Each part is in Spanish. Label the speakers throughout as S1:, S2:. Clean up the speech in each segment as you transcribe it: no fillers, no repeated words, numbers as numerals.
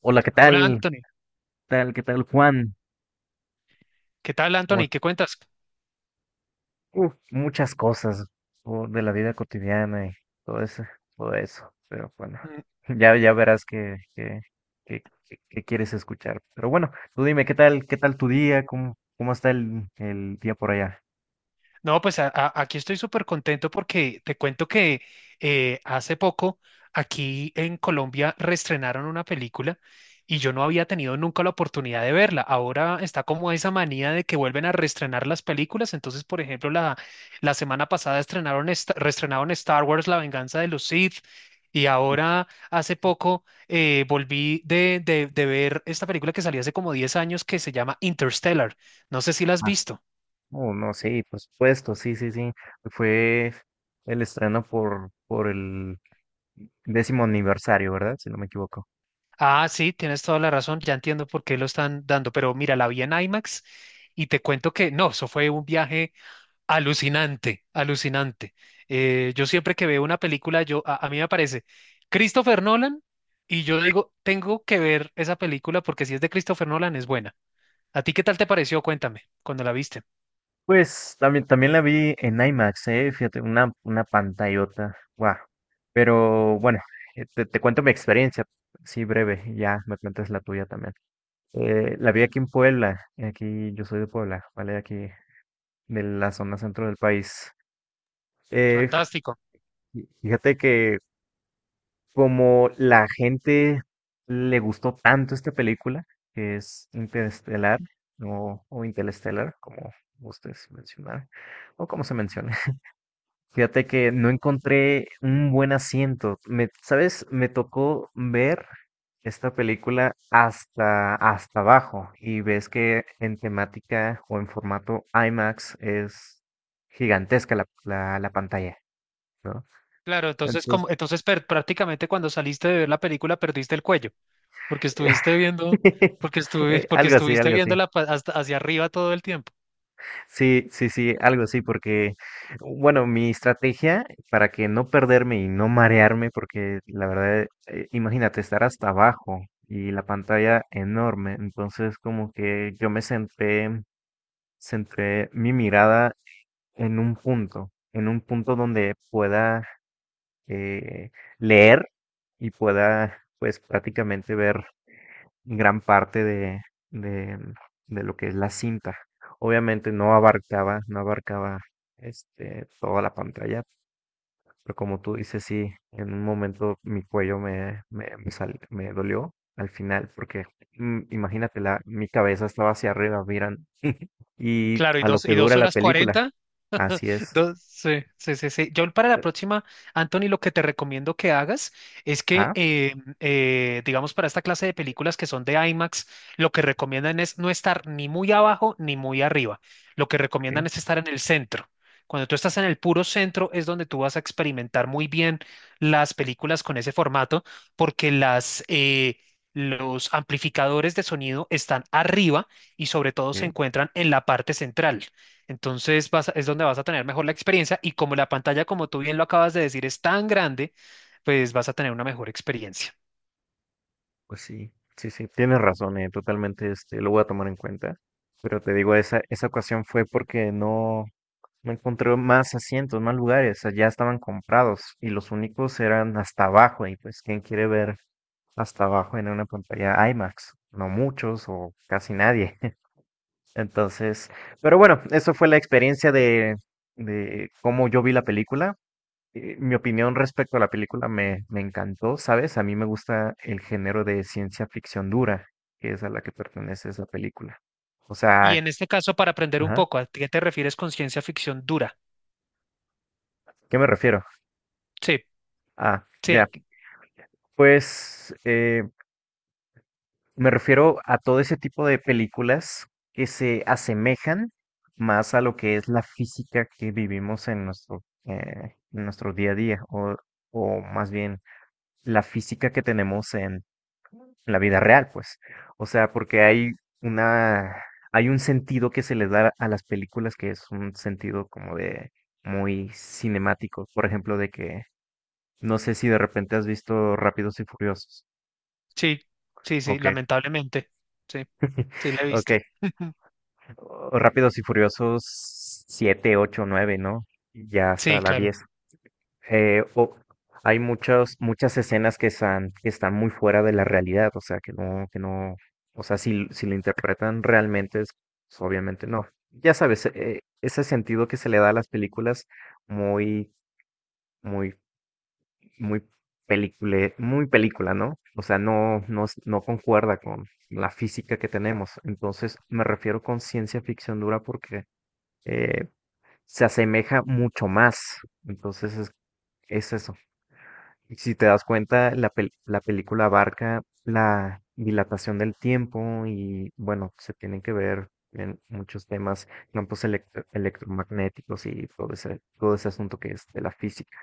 S1: Hola, ¿qué
S2: Hola
S1: tal?
S2: Anthony,
S1: ¿Qué tal? ¿Qué tal, Juan?
S2: ¿qué tal
S1: ¿Cómo es-
S2: Anthony? ¿Qué cuentas?
S1: Uf, muchas cosas o de la vida cotidiana y todo eso, todo eso. Pero bueno, ya, ya verás que quieres escuchar. Pero bueno, tú dime, ¿qué tal? ¿Qué tal tu día? ¿Cómo está el día por allá?
S2: No, pues aquí estoy súper contento porque te cuento que hace poco aquí en Colombia reestrenaron una película y yo no había tenido nunca la oportunidad de verla. Ahora está como esa manía de que vuelven a reestrenar las películas. Entonces, por ejemplo, la semana pasada reestrenaron Star Wars, La venganza de los Sith. Y ahora, hace poco, volví de ver esta película que salió hace como 10 años que se llama Interstellar. No sé si la has
S1: Ah,
S2: visto.
S1: oh, no, sí, por supuesto, sí, sí, sí. Fue el estreno por el 10.º aniversario, ¿verdad? Si no me equivoco.
S2: Ah, sí, tienes toda la razón, ya entiendo por qué lo están dando, pero mira, la vi en IMAX y te cuento que no, eso fue un viaje alucinante, alucinante. Yo siempre que veo una película, yo a mí me aparece Christopher Nolan y yo digo, tengo que ver esa película porque si es de Christopher Nolan es buena. ¿A ti qué tal te pareció? Cuéntame, cuando la viste.
S1: Pues también, también la vi en IMAX, fíjate, una pantallota, guau. Pero bueno, te cuento mi experiencia, sí, breve, y ya me cuentas la tuya también. La vi aquí en Puebla, aquí yo soy de Puebla, ¿vale? Aquí de la zona centro del país. Eh,
S2: Fantástico.
S1: Fíjate que como la gente le gustó tanto esta película, que es Interestelar, o Interestelar, como ustedes mencionaron, o como se menciona. Fíjate que no encontré un buen asiento. Me, ¿sabes? Me tocó ver esta película hasta abajo y ves que en temática o en formato IMAX es gigantesca la pantalla, ¿no?
S2: Claro,
S1: Entonces,
S2: prácticamente cuando saliste de ver la película perdiste el cuello. Porque estuviste viendo, porque
S1: algo así,
S2: estuviste
S1: algo así.
S2: hasta hacia arriba todo el tiempo.
S1: Sí, sí, sí, algo así, porque, bueno, mi estrategia para que no perderme y no marearme, porque la verdad, imagínate estar hasta abajo y la pantalla enorme, entonces como que yo me centré, centré mi mirada en un punto donde pueda eh, leer y pueda, pues, prácticamente ver gran parte de, de lo que es la cinta. Obviamente no abarcaba toda la pantalla, pero como tú dices, sí, en un momento mi cuello me dolió al final, porque imagínate, mi cabeza estaba hacia arriba, miran, y
S2: Claro,
S1: a lo que
S2: y dos
S1: dura la
S2: horas
S1: película,
S2: cuarenta
S1: así es.
S2: No, sí, sí, sí, sí. Yo para la
S1: Eh,
S2: próxima, Anthony, lo que te recomiendo que hagas es que,
S1: Ah,
S2: eh, eh, digamos, para esta clase de películas que son de IMAX, lo que recomiendan es no estar ni muy abajo ni muy arriba. Lo que recomiendan
S1: ok,
S2: es estar en el centro. Cuando tú estás en el puro centro es donde tú vas a experimentar muy bien las películas con ese formato, porque los amplificadores de sonido están arriba y sobre todo se
S1: ok,
S2: encuentran en la parte central. Entonces es donde vas a tener mejor la experiencia y como la pantalla, como tú bien lo acabas de decir, es tan grande, pues vas a tener una mejor experiencia.
S1: pues sí, sí, sí, tienes razón, totalmente, lo voy a tomar en cuenta. Pero te digo, esa ocasión fue porque no, me encontré más asientos, más lugares, allá estaban comprados y los únicos eran hasta abajo y pues quién quiere ver hasta abajo en una pantalla IMAX, no muchos o casi nadie. Entonces, pero bueno, eso fue la experiencia de cómo yo vi la película. Mi opinión respecto a la película me encantó, ¿sabes? A mí me gusta el género de ciencia ficción dura, que es a la que pertenece esa película. O
S2: Y
S1: sea,
S2: en este caso, para aprender un
S1: ajá,
S2: poco, ¿a qué te refieres con ciencia ficción dura?
S1: ¿qué me refiero?
S2: Sí,
S1: Ah,
S2: sí,
S1: ya, pues, me refiero a todo ese tipo de películas que se asemejan más a lo que es la física que vivimos en en nuestro día a día, o más bien la física que tenemos en la vida real, pues. O sea, porque hay una, hay un sentido que se les da a las películas que es un sentido como de muy cinemático. Por ejemplo, de que no sé si de repente has visto Rápidos y Furiosos.
S2: sí, sí, sí,
S1: Ok,
S2: lamentablemente. Sí, sí, la he
S1: ok.
S2: visto.
S1: O Rápidos y Furiosos 7, 8, 9, ¿no? Y ya
S2: Sí,
S1: hasta la
S2: claro.
S1: 10. Eh, o- Hay muchas, muchas escenas que están muy fuera de la realidad, o sea, que no, o sea, si lo interpretan realmente, pues, obviamente no. Ya sabes, ese sentido que se le da a las películas muy, muy, muy muy película, ¿no? O sea, no, no, no concuerda con la física que tenemos. Entonces, me refiero con ciencia ficción dura porque eh, se asemeja mucho más. Entonces es eso. Y si te das cuenta, la película abarca la dilatación del tiempo y bueno, se tienen que ver en muchos temas, campos electromagnéticos y todo ese asunto que es de la física.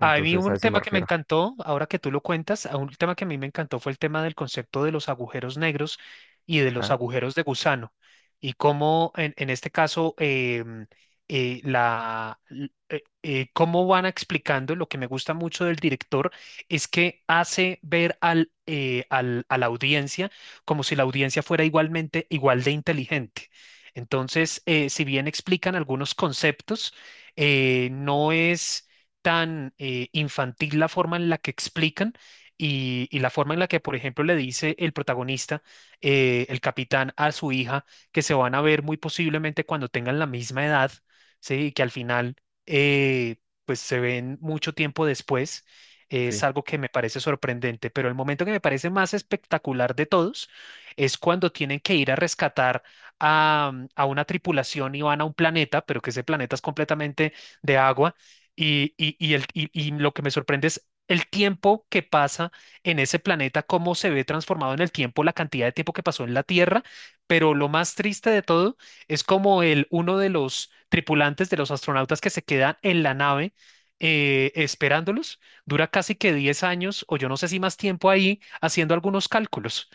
S2: A mí
S1: a
S2: un
S1: eso me
S2: tema que me
S1: refiero.
S2: encantó, ahora que tú lo cuentas, a un tema que a mí me encantó fue el tema del concepto de los agujeros negros y de los
S1: Ajá,
S2: agujeros de gusano. Y cómo en este caso, la, cómo van explicando, lo que me gusta mucho del director es que hace ver a la audiencia como si la audiencia fuera igualmente igual de inteligente. Entonces, si bien explican algunos conceptos, no es tan infantil la forma en la que explican y la forma en la que, por ejemplo, le dice el protagonista, el capitán, a su hija, que se van a ver muy posiblemente cuando tengan la misma edad, ¿sí? Y que al final, eh, pues se ven mucho tiempo después. Es
S1: sí,
S2: algo que me parece sorprendente, pero el momento que me parece más espectacular de todos es cuando tienen que ir a rescatar a una tripulación y van a un planeta, pero que ese planeta es completamente de agua y lo que me sorprende es el tiempo que pasa en ese planeta, cómo se ve transformado en el tiempo, la cantidad de tiempo que pasó en la Tierra, pero lo más triste de todo es como el, uno de los tripulantes de los astronautas que se quedan en la nave esperándolos, dura casi que 10 años o yo no sé si más tiempo ahí haciendo algunos cálculos.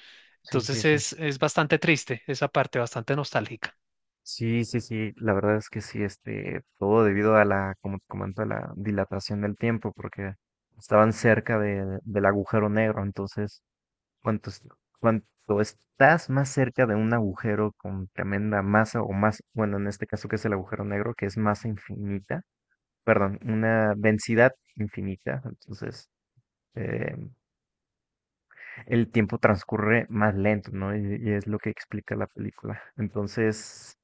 S1: sí, sí,
S2: Entonces
S1: sí.
S2: es bastante triste esa parte, bastante nostálgica.
S1: Sí, sí, sí, la verdad es que sí, todo debido a la, como te comento, a la dilatación del tiempo, porque estaban cerca del agujero negro, entonces Cuantos- Cuanto estás más cerca de un agujero con tremenda masa o más, bueno, en este caso que es el agujero negro, que es masa infinita, perdón, una densidad infinita, entonces eh, el tiempo transcurre más lento, ¿no? Y es lo que explica la película. Entonces,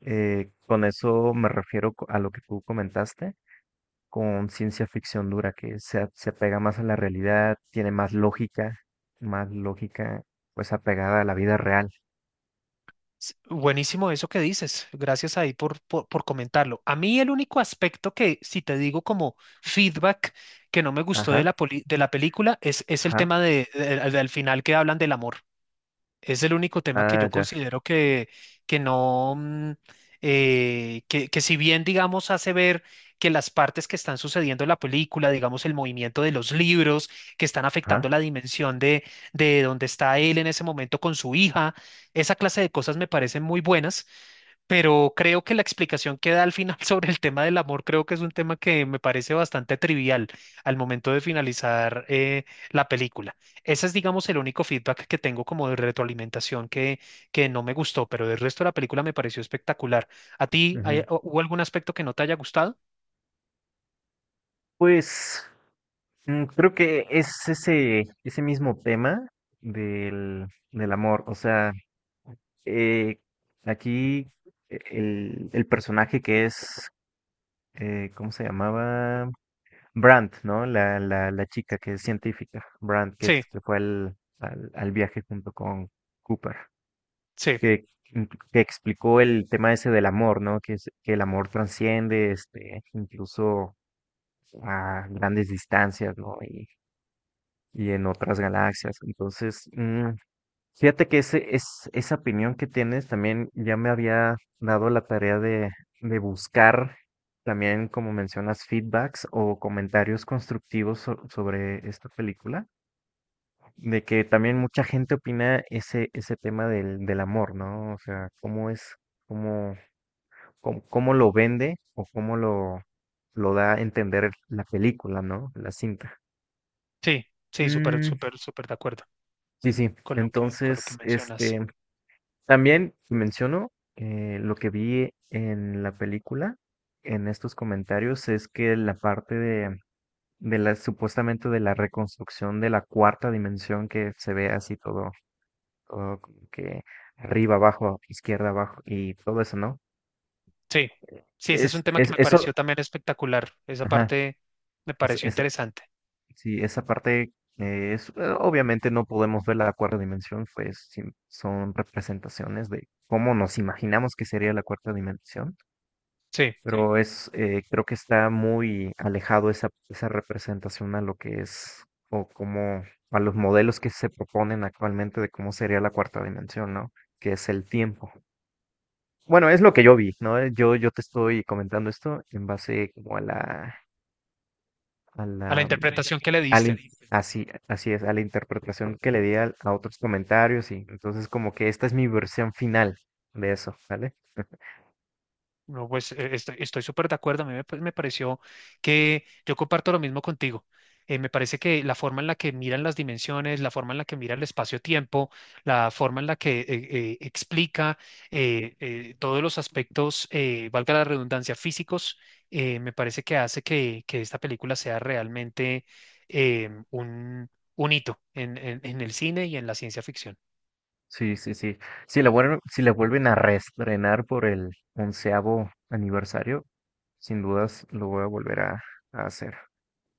S1: con eso me refiero a lo que tú comentaste, con ciencia ficción dura, que se apega más a la realidad, tiene más lógica, pues apegada a la vida real.
S2: Buenísimo eso que dices. Gracias ahí por comentarlo. A mí el único aspecto que, si te digo como feedback que no me gustó de
S1: Ajá,
S2: de la película, es el
S1: ajá,
S2: tema de, del final que hablan del amor. Es el único tema que
S1: ah,
S2: yo
S1: ya,
S2: considero que no, que si bien, digamos, hace ver que las partes que están sucediendo en la película, digamos, el movimiento de los libros, que están afectando
S1: ajá.
S2: la dimensión de donde está él en ese momento con su hija, esa clase de cosas me parecen muy buenas, pero creo que la explicación que da al final sobre el tema del amor, creo que es un tema que me parece bastante trivial al momento de finalizar la película. Ese es, digamos, el único feedback que tengo como de retroalimentación que no me gustó, pero del resto de la película me pareció espectacular. ¿A ti
S1: Ujú.
S2: hubo algún aspecto que no te haya gustado?
S1: Pues creo que es ese mismo tema del amor. O sea, eh, aquí el personaje que es, ¿cómo se llamaba? Brandt, ¿no? La chica que es científica, Brandt, que
S2: Sí,
S1: se fue al viaje junto con Cooper,
S2: sí,
S1: que, mm, que explicó el tema ese del amor, ¿no? Que el amor trasciende, incluso a grandes distancias, ¿no? Y en otras galaxias. Entonces, fíjate que esa opinión que tienes también ya me había dado la tarea de buscar también, como mencionas, feedbacks o comentarios constructivos sobre esta película, de que también mucha gente opina ese tema del amor, ¿no? O sea, cómo es, cómo, cómo lo vende o cómo lo da a entender la película, ¿no? La cinta.
S2: sí, sí, súper,
S1: Mm.
S2: súper, súper de acuerdo
S1: Sí, sí.
S2: con lo que
S1: Entonces,
S2: mencionas.
S1: también menciono lo que vi en la película, en estos comentarios, es que la parte de la, supuestamente de la reconstrucción de la cuarta dimensión que se ve así todo, todo como que arriba, abajo, izquierda, abajo y todo eso, ¿no?
S2: Sí, sí, ese es un
S1: Es,
S2: tema que
S1: es,
S2: me pareció
S1: eso,
S2: también espectacular. Esa
S1: ajá,
S2: parte me
S1: es-
S2: pareció
S1: es-
S2: interesante.
S1: Sí, esa parte obviamente no podemos ver la cuarta dimensión, pues son representaciones de cómo nos imaginamos que sería la cuarta dimensión. Sí.
S2: Sí,
S1: Pero creo que está muy alejado esa representación a lo que es o como a los modelos que se proponen actualmente de cómo sería la cuarta dimensión, ¿no? Que es el tiempo. Bueno, es lo que yo vi, ¿no? Yo te estoy comentando esto en base como a la a
S2: a la
S1: la, a la mm,
S2: interpretación que le
S1: interpretación al que le in-
S2: diste.
S1: diste. Así, así es, a la interpretación que le di a otros comentarios y entonces como que esta es mi versión final de eso, ¿vale?
S2: No, pues estoy, estoy súper de acuerdo. A mí me, pues, me pareció que yo comparto lo mismo contigo. Me parece que la forma en la que miran las dimensiones, la forma en la que mira el espacio-tiempo, la forma en la que explica todos los aspectos, valga la redundancia, físicos, me parece que hace que esta película sea realmente eh, un, un hito en, en el cine y en la ciencia ficción.
S1: Sí, sí, sí. Si la vuelven a reestrenar por el 11.º aniversario, sin dudas lo voy a volver a hacer.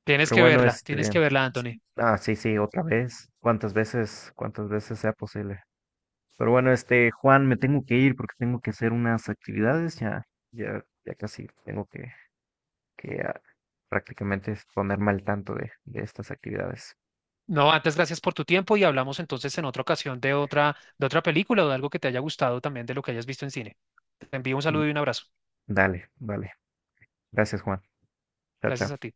S1: Pero bueno,
S2: Tienes que verla, Anthony.
S1: ah, sí, sí, otra vez, cuántas veces sea posible. Pero bueno, Juan, me tengo que ir porque tengo que hacer unas actividades, ya, ya, ya casi tengo que prácticamente es ponerme al tanto de estas actividades.
S2: No, antes gracias por tu tiempo y hablamos entonces en otra ocasión de otra película o de algo que te haya gustado también de lo que hayas visto en cine. Te envío un
S1: Mm.
S2: saludo y un abrazo.
S1: Dale, vale. Gracias, Juan. Chao,
S2: Gracias
S1: chao.
S2: a ti.